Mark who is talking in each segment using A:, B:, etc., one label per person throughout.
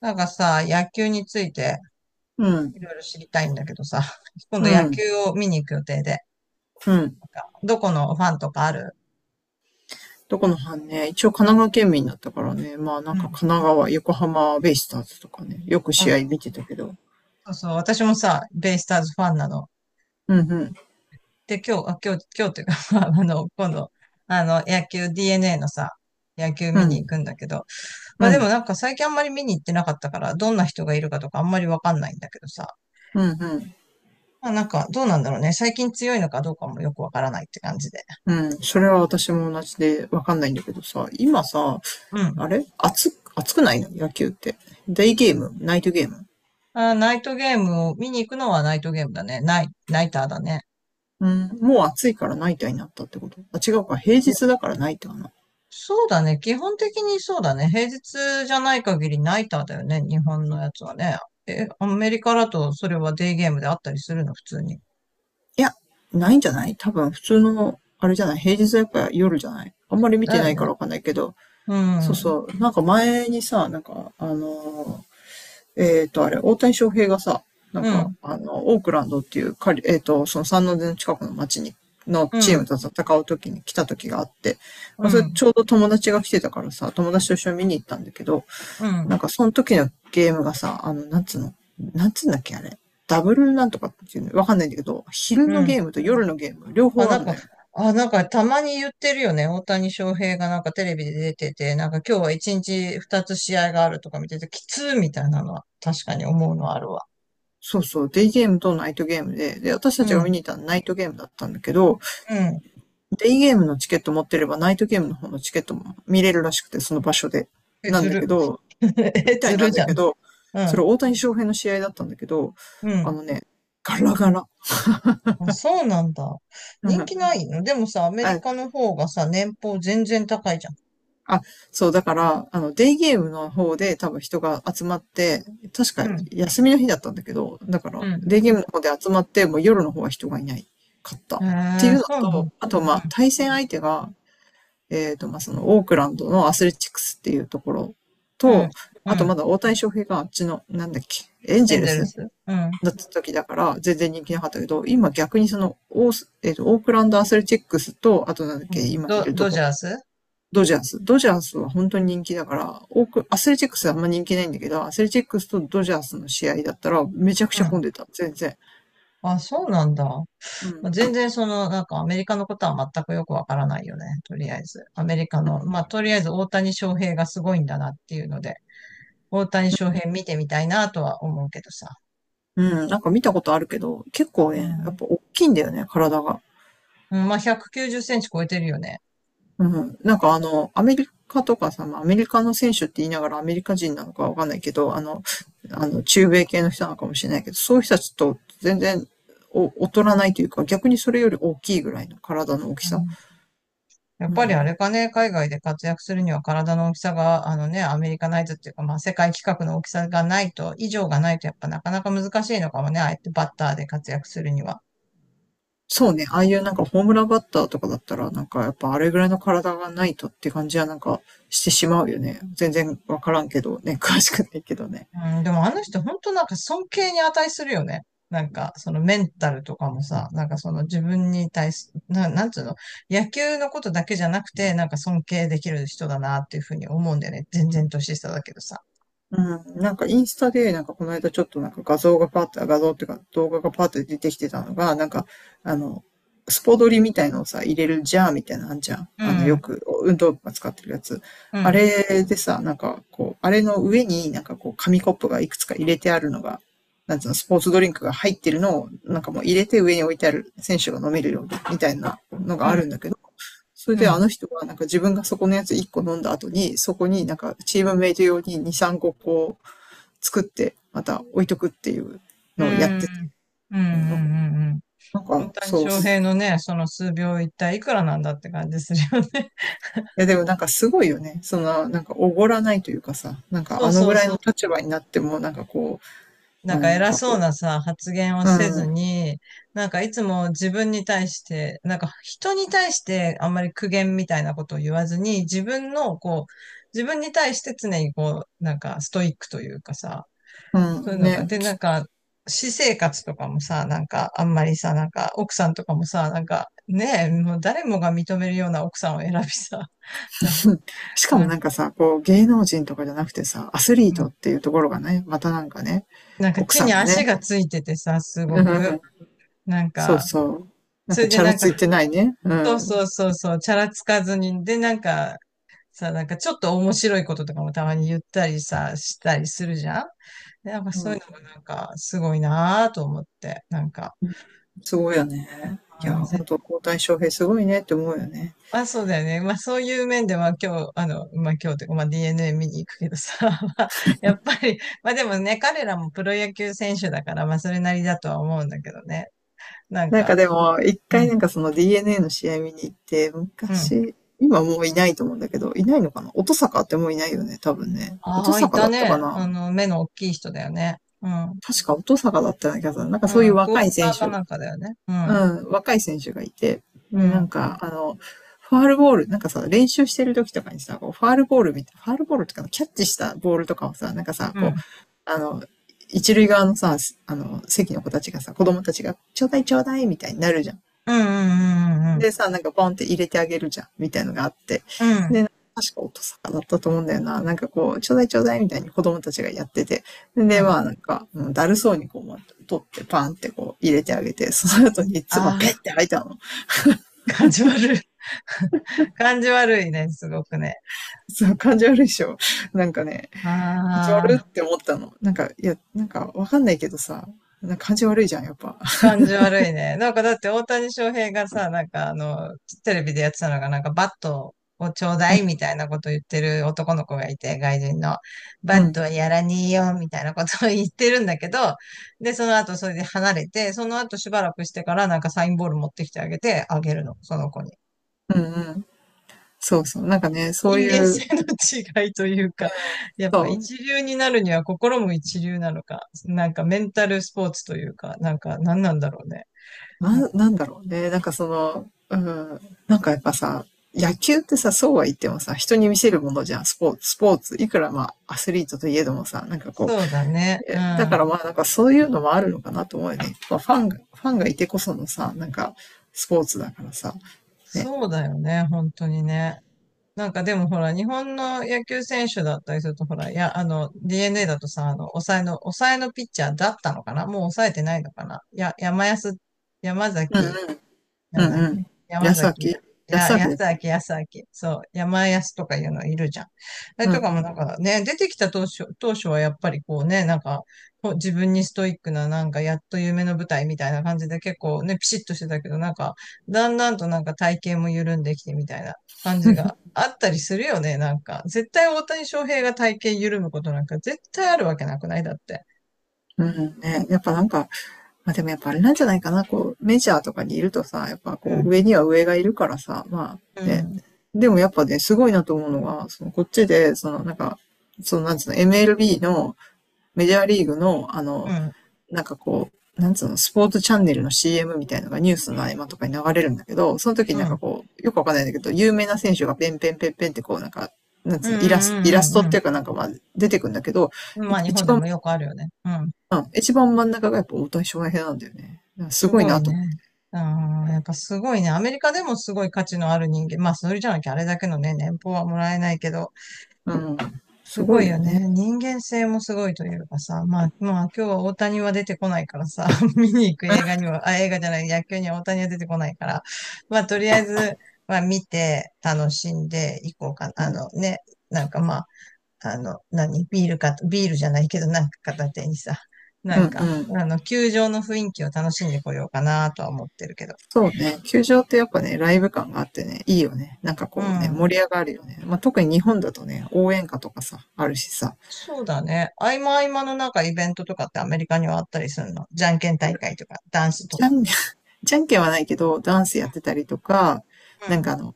A: なんかさ、野球について
B: う
A: い
B: ん、
A: ろいろ知りたいんだけどさ、今
B: う
A: 度野
B: ん、
A: 球を見に行く予定で、なん
B: うん。
A: かどこのファンとかある。
B: どこの班ね、一応神奈川県民だったからね、まあな
A: う
B: んか
A: ん。
B: 神奈川、横浜ベイスターズとかね、よく
A: あ、
B: 試
A: そ
B: 合見てたけど、
A: うそう、私もさ、ベイスターズファンなの。
B: うんうん、
A: で、今日、あ、今日、今日っていうか、まああの、今度、あの、野球 DNA のさ、野球
B: う
A: 見に
B: ん、
A: 行くんだけど、
B: う
A: まあでも
B: ん、
A: なんか最近あんまり見に行ってなかったから、どんな人がいるかとかあんまりわかんないんだけどさ、
B: うん、うん。
A: まあなんかどうなんだろうね。最近強いのかどうかもよくわからないって感じで。
B: うん、それは私も同じでわかんないんだけどさ、今さ、
A: うん。
B: あれ暑、暑くないの野球って？デイゲーム、ナイトゲーム？
A: あー、ナイトゲームを見に行くのはナイトゲームだね。ナイターだね。
B: うん、もう暑いからナイターになったってこと？あ、違うか、平
A: いや、
B: 日だからナイターかな。
A: そうだね。基本的にそうだね。平日じゃない限りナイターだよね。日本のやつはね。え、アメリカだとそれはデイゲームであったりするの、普通に。
B: いや、ないんじゃない？多分普通の、あれじゃない、平日はやっぱ夜じゃない、あんまり見
A: だ
B: て
A: よ
B: ないか
A: ね。
B: らわかんないけど、
A: う
B: そう
A: ん。
B: そう。なんか前にさ、なんか、あのー、えっと、あれ、大谷翔平がさ、なん
A: う
B: か、
A: ん。
B: オークランドっていうカリ、えっと、その三ノ瀬の近くの町に、の
A: う
B: チーム
A: ん。
B: と戦う時に来た時があって、
A: う
B: まあ、それ
A: ん。
B: ちょうど友達が来てたからさ、友達と一緒に見に行ったんだけど、
A: うん。
B: なんかその時のゲームがさ、なんつうの、なんつうんだっけ、あれ。ダブルなんとかっていうの、わかんないんだけど、昼
A: う
B: のゲ
A: ん。
B: ームと夜のゲーム、両
A: あ、
B: 方あ
A: なん
B: ん
A: か、
B: だよ。
A: なんかたまに言ってるよね。大谷翔平がなんかテレビで出てて、なんか今日は一日二つ試合があるとか見てて、きつーみたいなのは確かに思うのはあるわ。
B: そうそう、デイゲームとナイトゲームで、で、私た
A: う
B: ちが見
A: ん。
B: に行ったのはナイトゲームだったんだけど、
A: うん。
B: デイゲームのチケット持ってれば、ナイトゲームの方のチケットも見れるらしくて、その場所で。
A: え、
B: なん
A: ず
B: だ
A: る。
B: けど、
A: え、
B: みた
A: ず
B: いな
A: る
B: ん
A: じ
B: だ
A: ゃん。
B: けど、
A: う
B: そ
A: ん。
B: れ大谷翔平の試合だったんだけど、
A: う
B: あ
A: ん。
B: のね、ガラガラ。
A: あ、そうなんだ。
B: う
A: 人気
B: ん。
A: ないの。でもさ、アメリカ の方がさ、年俸全然高いじゃん。
B: あ、あ、そう、だから、デイゲームの方で多分人が集まって、確
A: う
B: か
A: ん。
B: 休みの日だったんだけど、だか
A: う
B: ら、
A: ん。
B: デイゲームの方で集まって、もう夜の方は人がいないかった。
A: え
B: ってい
A: ー、
B: う
A: そ
B: の
A: うなの。
B: と、あと、ま
A: う
B: あ、
A: ん。
B: 対戦相手が、まあ、その、オークランドのアスレチックスっていうところ
A: うん。
B: と、
A: う
B: あとま
A: ん。
B: だ大谷翔平があっちの、なんだっけ、エンジ
A: エ
B: ェ
A: ン
B: ル
A: ゼル
B: ス
A: ス。うん。
B: だった時だから、全然人気なかったけど、今逆にその、オーえーと、オークランドアスレチックスと、あとなんだっ
A: う
B: け、
A: ん、
B: 今い
A: ド、
B: ると
A: ドジ
B: こ、
A: ャース
B: ドジャース。ドジャースは本当に人気だから、オーク、アスレチックスはあんま人気ないんだけど、アスレチックスとドジャースの試合だったら、めちゃく
A: う
B: ちゃ混
A: ん。
B: んでた、全然。
A: あ、そうなんだ。
B: う
A: まあ、
B: ん。
A: 全然その、なんかアメリカのことは全くよくわからないよね。とりあえず。アメリカの、まあ、とりあえず大谷翔平がすごいんだなっていうので、大谷翔平見てみたいなとは思うけどさ。
B: うん、なんか見たことあるけど、結構
A: う
B: ね、やっ
A: ん。
B: ぱ大きいんだよね、体が。
A: うん、まあ、190センチ超えてるよね。
B: うん。なんかアメリカとかさ、まあ、アメリカの選手って言いながらアメリカ人なのかわかんないけど、中米系の人なのかもしれないけど、そういう人たちと全然お劣らないというか、逆にそれより大きいぐらいの体の大き
A: う
B: さ。
A: ん。やっ
B: う
A: ぱりあ
B: ん。
A: れかね、海外で活躍するには体の大きさが、あのね、アメリカナイズっていうか、まあ、世界規格の大きさがないと、以上がないと、やっぱなかなか難しいのかもね、あえてバッターで活躍するには。
B: そうね、ああいうなんかホームランバッターとかだったら、なんかやっぱあれぐらいの体がないとって感じはなんかしてしまうよね。全然わからんけどね、詳しくないけどね。
A: うん、でもあの人、本当なんか尊敬に値するよね。なんか、そのメンタルとかもさ、なんかその自分に対す、なんつうの、野球のことだけじゃなくて、なんか尊敬できる人だなっていうふうに思うんだよね。全然年下だけどさ。
B: うん、なんかインスタで、なんかこの間ちょっとなんか画像がパッと、画像っていうか動画がパッと出てきてたのが、なんか、あの、スポドリみたいのをさ、入れるジャーみたいなのあんじゃん。
A: う
B: あの、よ
A: ん、
B: く運動部が使ってるやつ。
A: う
B: あ
A: ん、
B: れでさ、なんかこう、あれの上になんかこう、紙コップがいくつか入れてあるのが、なんつうの、スポーツドリンクが入ってるのを、なんかもう入れて上に置いてある選手が飲めるようにみたいなの
A: う
B: があ
A: ん、
B: るんだけど、それ
A: う
B: であ
A: ん。
B: の人がなんか自分がそこのやつ1個飲んだ後に、そこになんかチームメイト用に2、3個こう作って、また置いとくっていう
A: う
B: のをやってて、
A: ん。うんうん
B: なんか、
A: うんうん。大谷
B: そうっ
A: 翔平の
B: す。
A: ね、その数秒一体いくらなんだって感じするよね。
B: いやでもなんかすごいよね。その、なんかおごらないというかさ、なん か
A: そう
B: あの
A: そ
B: ぐ
A: う
B: らい
A: そう
B: の立
A: そ
B: 場
A: う。
B: になってもなんかこう、
A: な
B: ま
A: ん
B: あな
A: か
B: ん
A: 偉
B: か
A: そう
B: こ
A: なさ、発言を
B: う、う
A: せず
B: ん、
A: に、なんかいつも自分に対して、なんか人に対してあんまり苦言みたいなことを言わずに、自分のこう、自分に対して常にこう、なんかストイックというかさ、
B: う
A: そういう
B: ん、
A: のが。
B: ね。
A: で、なん か、私生活とかもさ、なんか、あんまりさ、なんか、奥さんとかもさ、なんか、ねえ、もう誰もが認めるような奥さんを選びさ、なんか、
B: しかも
A: なん
B: な
A: か、
B: んかさ、こう芸能人とかじゃなくてさ、アスリ
A: う
B: ートっ
A: ん、
B: ていうところがね、またなんかね、
A: なんか
B: 奥
A: 地
B: さ
A: に
B: んが
A: 足
B: ね、
A: がついててさ、すごく、なん
B: そう
A: か、
B: そう。なん
A: そ
B: か
A: れで
B: チャラ
A: なん
B: つい
A: か、
B: てないね。う
A: そうそ
B: ん。
A: うそうそう、チャラつかずに、で、なんか、さ、なんかちょっと面白いこととかもたまに言ったりさ、したりするじゃん。でなんか
B: う
A: そういう
B: ん。
A: のがなんか、すごいなぁと思って、なんか、
B: すごいよね。い
A: う
B: や、
A: ん、
B: 本当交代翔平すごいねって思うよね。
A: あ、そうだよね。まあそういう面では今日、あの、まあ今日というか、まあ DNA 見に行くけどさ、まあやっぱり、まあでもね、彼らもプロ野球選手だから、まあそれなりだとは思うんだけどね。なん
B: なんか
A: か、
B: でも、一
A: う
B: 回
A: ん、
B: なんかその DNA の試合見に行って、
A: うん。
B: 昔、今もういないと思うんだけど、いないのかな音坂ってもういないよね、多分ね。音
A: ああ、い
B: 坂
A: た
B: だったか
A: ね。
B: な、
A: あの、目の大きい人だよね。うん、う
B: 確か音坂だったような気がする。なんかそういう
A: ん、クォーターかなんかだよね。うん、
B: 若い選手がいて、
A: う
B: で、なん
A: ん、
B: か、ファールボール、なんかさ、練習してる時とかにさ、こうファールボールみたいなファールボールとかのキャッチしたボールとかをさ、なんかさ、
A: うん、う
B: こ
A: ん、
B: う、一塁側のさ、席の子たちがさ、子供たちが、ちょうだいちょうだいみたいになるじゃん。
A: うん、うん、うん、
B: でさ、なんかポンって入れてあげるじゃん、みたいのがあって、
A: うん、
B: 確か音坂だったと思うんだよな。なんかこう、ちょうだいちょうだいみたいに子供たちがやってて、
A: う
B: で、
A: ん。
B: まあなんか、うんだるそうにこう、取ってパンってこう入れてあげて、その後に唾ペ
A: あ
B: ッ
A: あ
B: て吐いたの。
A: ー、感じ悪い。感じ悪いね、すごくね。
B: そう、感じ悪いでしょ。なんかね、感じ
A: あ
B: 悪っ
A: あ。
B: て思ったの。なんか、いや、なんかわかんないけどさ、なんか感じ悪いじゃん、やっぱ。
A: 感じ悪いね。なんかだって大谷翔平がさ、なんかあの、テレビでやってたのが、なんかバットをちょうだ
B: うん、
A: いみたいなことを言ってる男の子がいて、外人の。バ
B: う
A: ッ
B: ん、
A: トはやらにえよみたいなことを言ってるんだけど、で、その後それで離れて、その後しばらくしてからなんかサインボール持ってきてあげて、あげるの、その子に。
B: うん、うん。そうそう。なんかね、そう
A: 人
B: い
A: 間性
B: う、
A: の違いというか、やっ
B: そ
A: ぱ一流になるには心も一流なのか、なんかメンタルスポーツというか、なんか何なんだろうね。
B: う、
A: なんか、
B: なんだろうね。なんかその、うん、なんかやっぱさ、野球ってさ、そうは言ってもさ、人に見せるものじゃん、スポーツ、スポーツ。いくらまあ、アスリートといえどもさ、なんかこ
A: そうだ
B: う、
A: ね。う
B: えだ
A: ん。
B: からまあ、なんかそういうのもあるのかなと思うよね。まあ、ファンがいてこそのさ、なんか、スポーツだからさ、ね。
A: そうだよね、本当にね。なんかでもほら、日本の野球選手だったりすると、ほら、いや、あの、DNA だとさ、あの、抑えのピッチャーだったのかな。もう抑えてないのかな。や、山安、山
B: うん、
A: 崎
B: う
A: なんだ
B: ん
A: っ
B: う
A: け。
B: ん。
A: 山
B: 安明、
A: 崎や、い
B: 安
A: や、
B: 明だ
A: 安
B: っけ。
A: 明、安明。そう、山安とかいうのいるじゃん。あれ
B: うんう
A: とかもなん
B: ん。
A: かね、出てきた当初はやっぱりこうね、なんか、こう自分にストイックな、なんか、やっと夢の舞台みたいな感じで結構ね、ピシッとしてたけど、なんか、だんだんとなんか体型も緩んできてみたいな感じがあったりするよね、なんか。絶対大谷翔平が体型緩むことなんか絶対あるわけなくないだって。
B: うんうん、ね、やっぱなんか、まあ、でもやっぱあれなんじゃないかな、こう、メジャーとかにいるとさ、やっぱ
A: う
B: こう、
A: ん。
B: 上には上がいるからさ、ま
A: う
B: あ、ね、
A: ん。
B: でもやっぱね、すごいなと思うのが、その、こっちで、その、なんか、その、なんつうの、MLB のメジャーリーグの、
A: うん。
B: なんかこう、なんつうの、スポーツチャンネルの CM みたいなのがニュースの合間とかに流れるんだけど、その時に
A: う
B: なんか
A: ん。
B: こう、よくわかんないんだけど、有名な選手がペンペンペンペンってこうなんか、なん
A: う
B: つうの、イ
A: ん。
B: ラス
A: う
B: ト
A: ん。
B: っ
A: うん。
B: ていうかなんかまあ出てくんだけど、
A: うん。ま
B: い
A: あ、日
B: 一
A: 本で
B: 番、
A: もよくあるよね。うん。
B: 一番真ん中がやっぱ大谷翔平なんだよね。す
A: す
B: ごい
A: ごい
B: なと。
A: ね。ああ、やっぱすごいね。アメリカでもすごい価値のある人間。まあ、それじゃなきゃあれだけのね、年俸はもらえないけど、
B: うん。す
A: す
B: ご
A: ご
B: い
A: い
B: よ
A: よね。
B: ね。
A: 人間性もすごいというかさ、まあ、まあ、今日は大谷は出てこないからさ、見に行く映画には、あ、映画じゃない、野球には大谷は出てこないから、まあ、とりあえず、まあ、見て、楽しんでいこうかな。
B: う
A: あの
B: ん。
A: ね、なんかまあ、あの、何ビールか、ビールじゃないけど、なんか片手にさ、な
B: うん
A: ん
B: う
A: か、
B: ん。
A: あの、球場の雰囲気を楽しんでこようかなとは思ってるけど。
B: そうね。球場ってやっぱね、ライブ感があってね、いいよね。なんか
A: う
B: こうね、
A: ん。
B: 盛り上がるよね。まあ、特に日本だとね、応援歌とかさ、あるしさ。
A: そうだね。合間合間のなんかイベントとかってアメリカにはあったりするの。じゃんけん大会とか、ダンスと
B: ジャ
A: か。
B: ンじゃんけんはないけど、ダンスやってたりとか、
A: う
B: なん
A: ん。
B: かあの、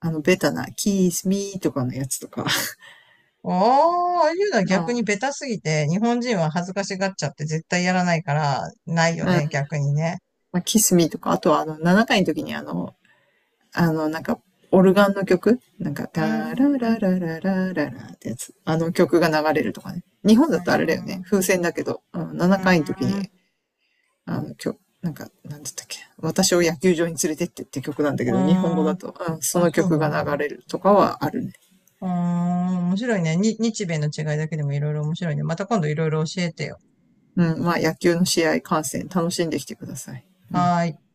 B: あの、ベタな、キスミーとかのやつとか、
A: ああ、ああいうのは
B: うん、
A: 逆
B: う
A: に
B: ん、
A: ベタすぎて、日本人は恥ずかしがっちゃって絶対やらないから、ないよね、
B: ま
A: 逆にね。
B: あ、キスミーとか、あとはあの、7回の時にあの、なんか、オルガンの曲なんか、
A: うん。
B: タラ
A: うん。
B: ララララララってやつ。あの曲が流れるとかね。日本だとあれだよね。風船だけど、うん、
A: う
B: 7回の時に、
A: ん。
B: 曲、なんか、なんだったっけ。私を野球場に連れてってって曲なんだ
A: う
B: け
A: ん。
B: ど、日本語だ
A: あ、
B: と、うん、その
A: そう
B: 曲
A: な
B: が
A: んだ。
B: 流れるとかはあるね。
A: うーん、面白いね。日米の違いだけでもいろいろ面白いね。また今度いろいろ教えてよ。
B: うん、まあ野球の試合観戦楽しんできてください。うん。
A: はーい。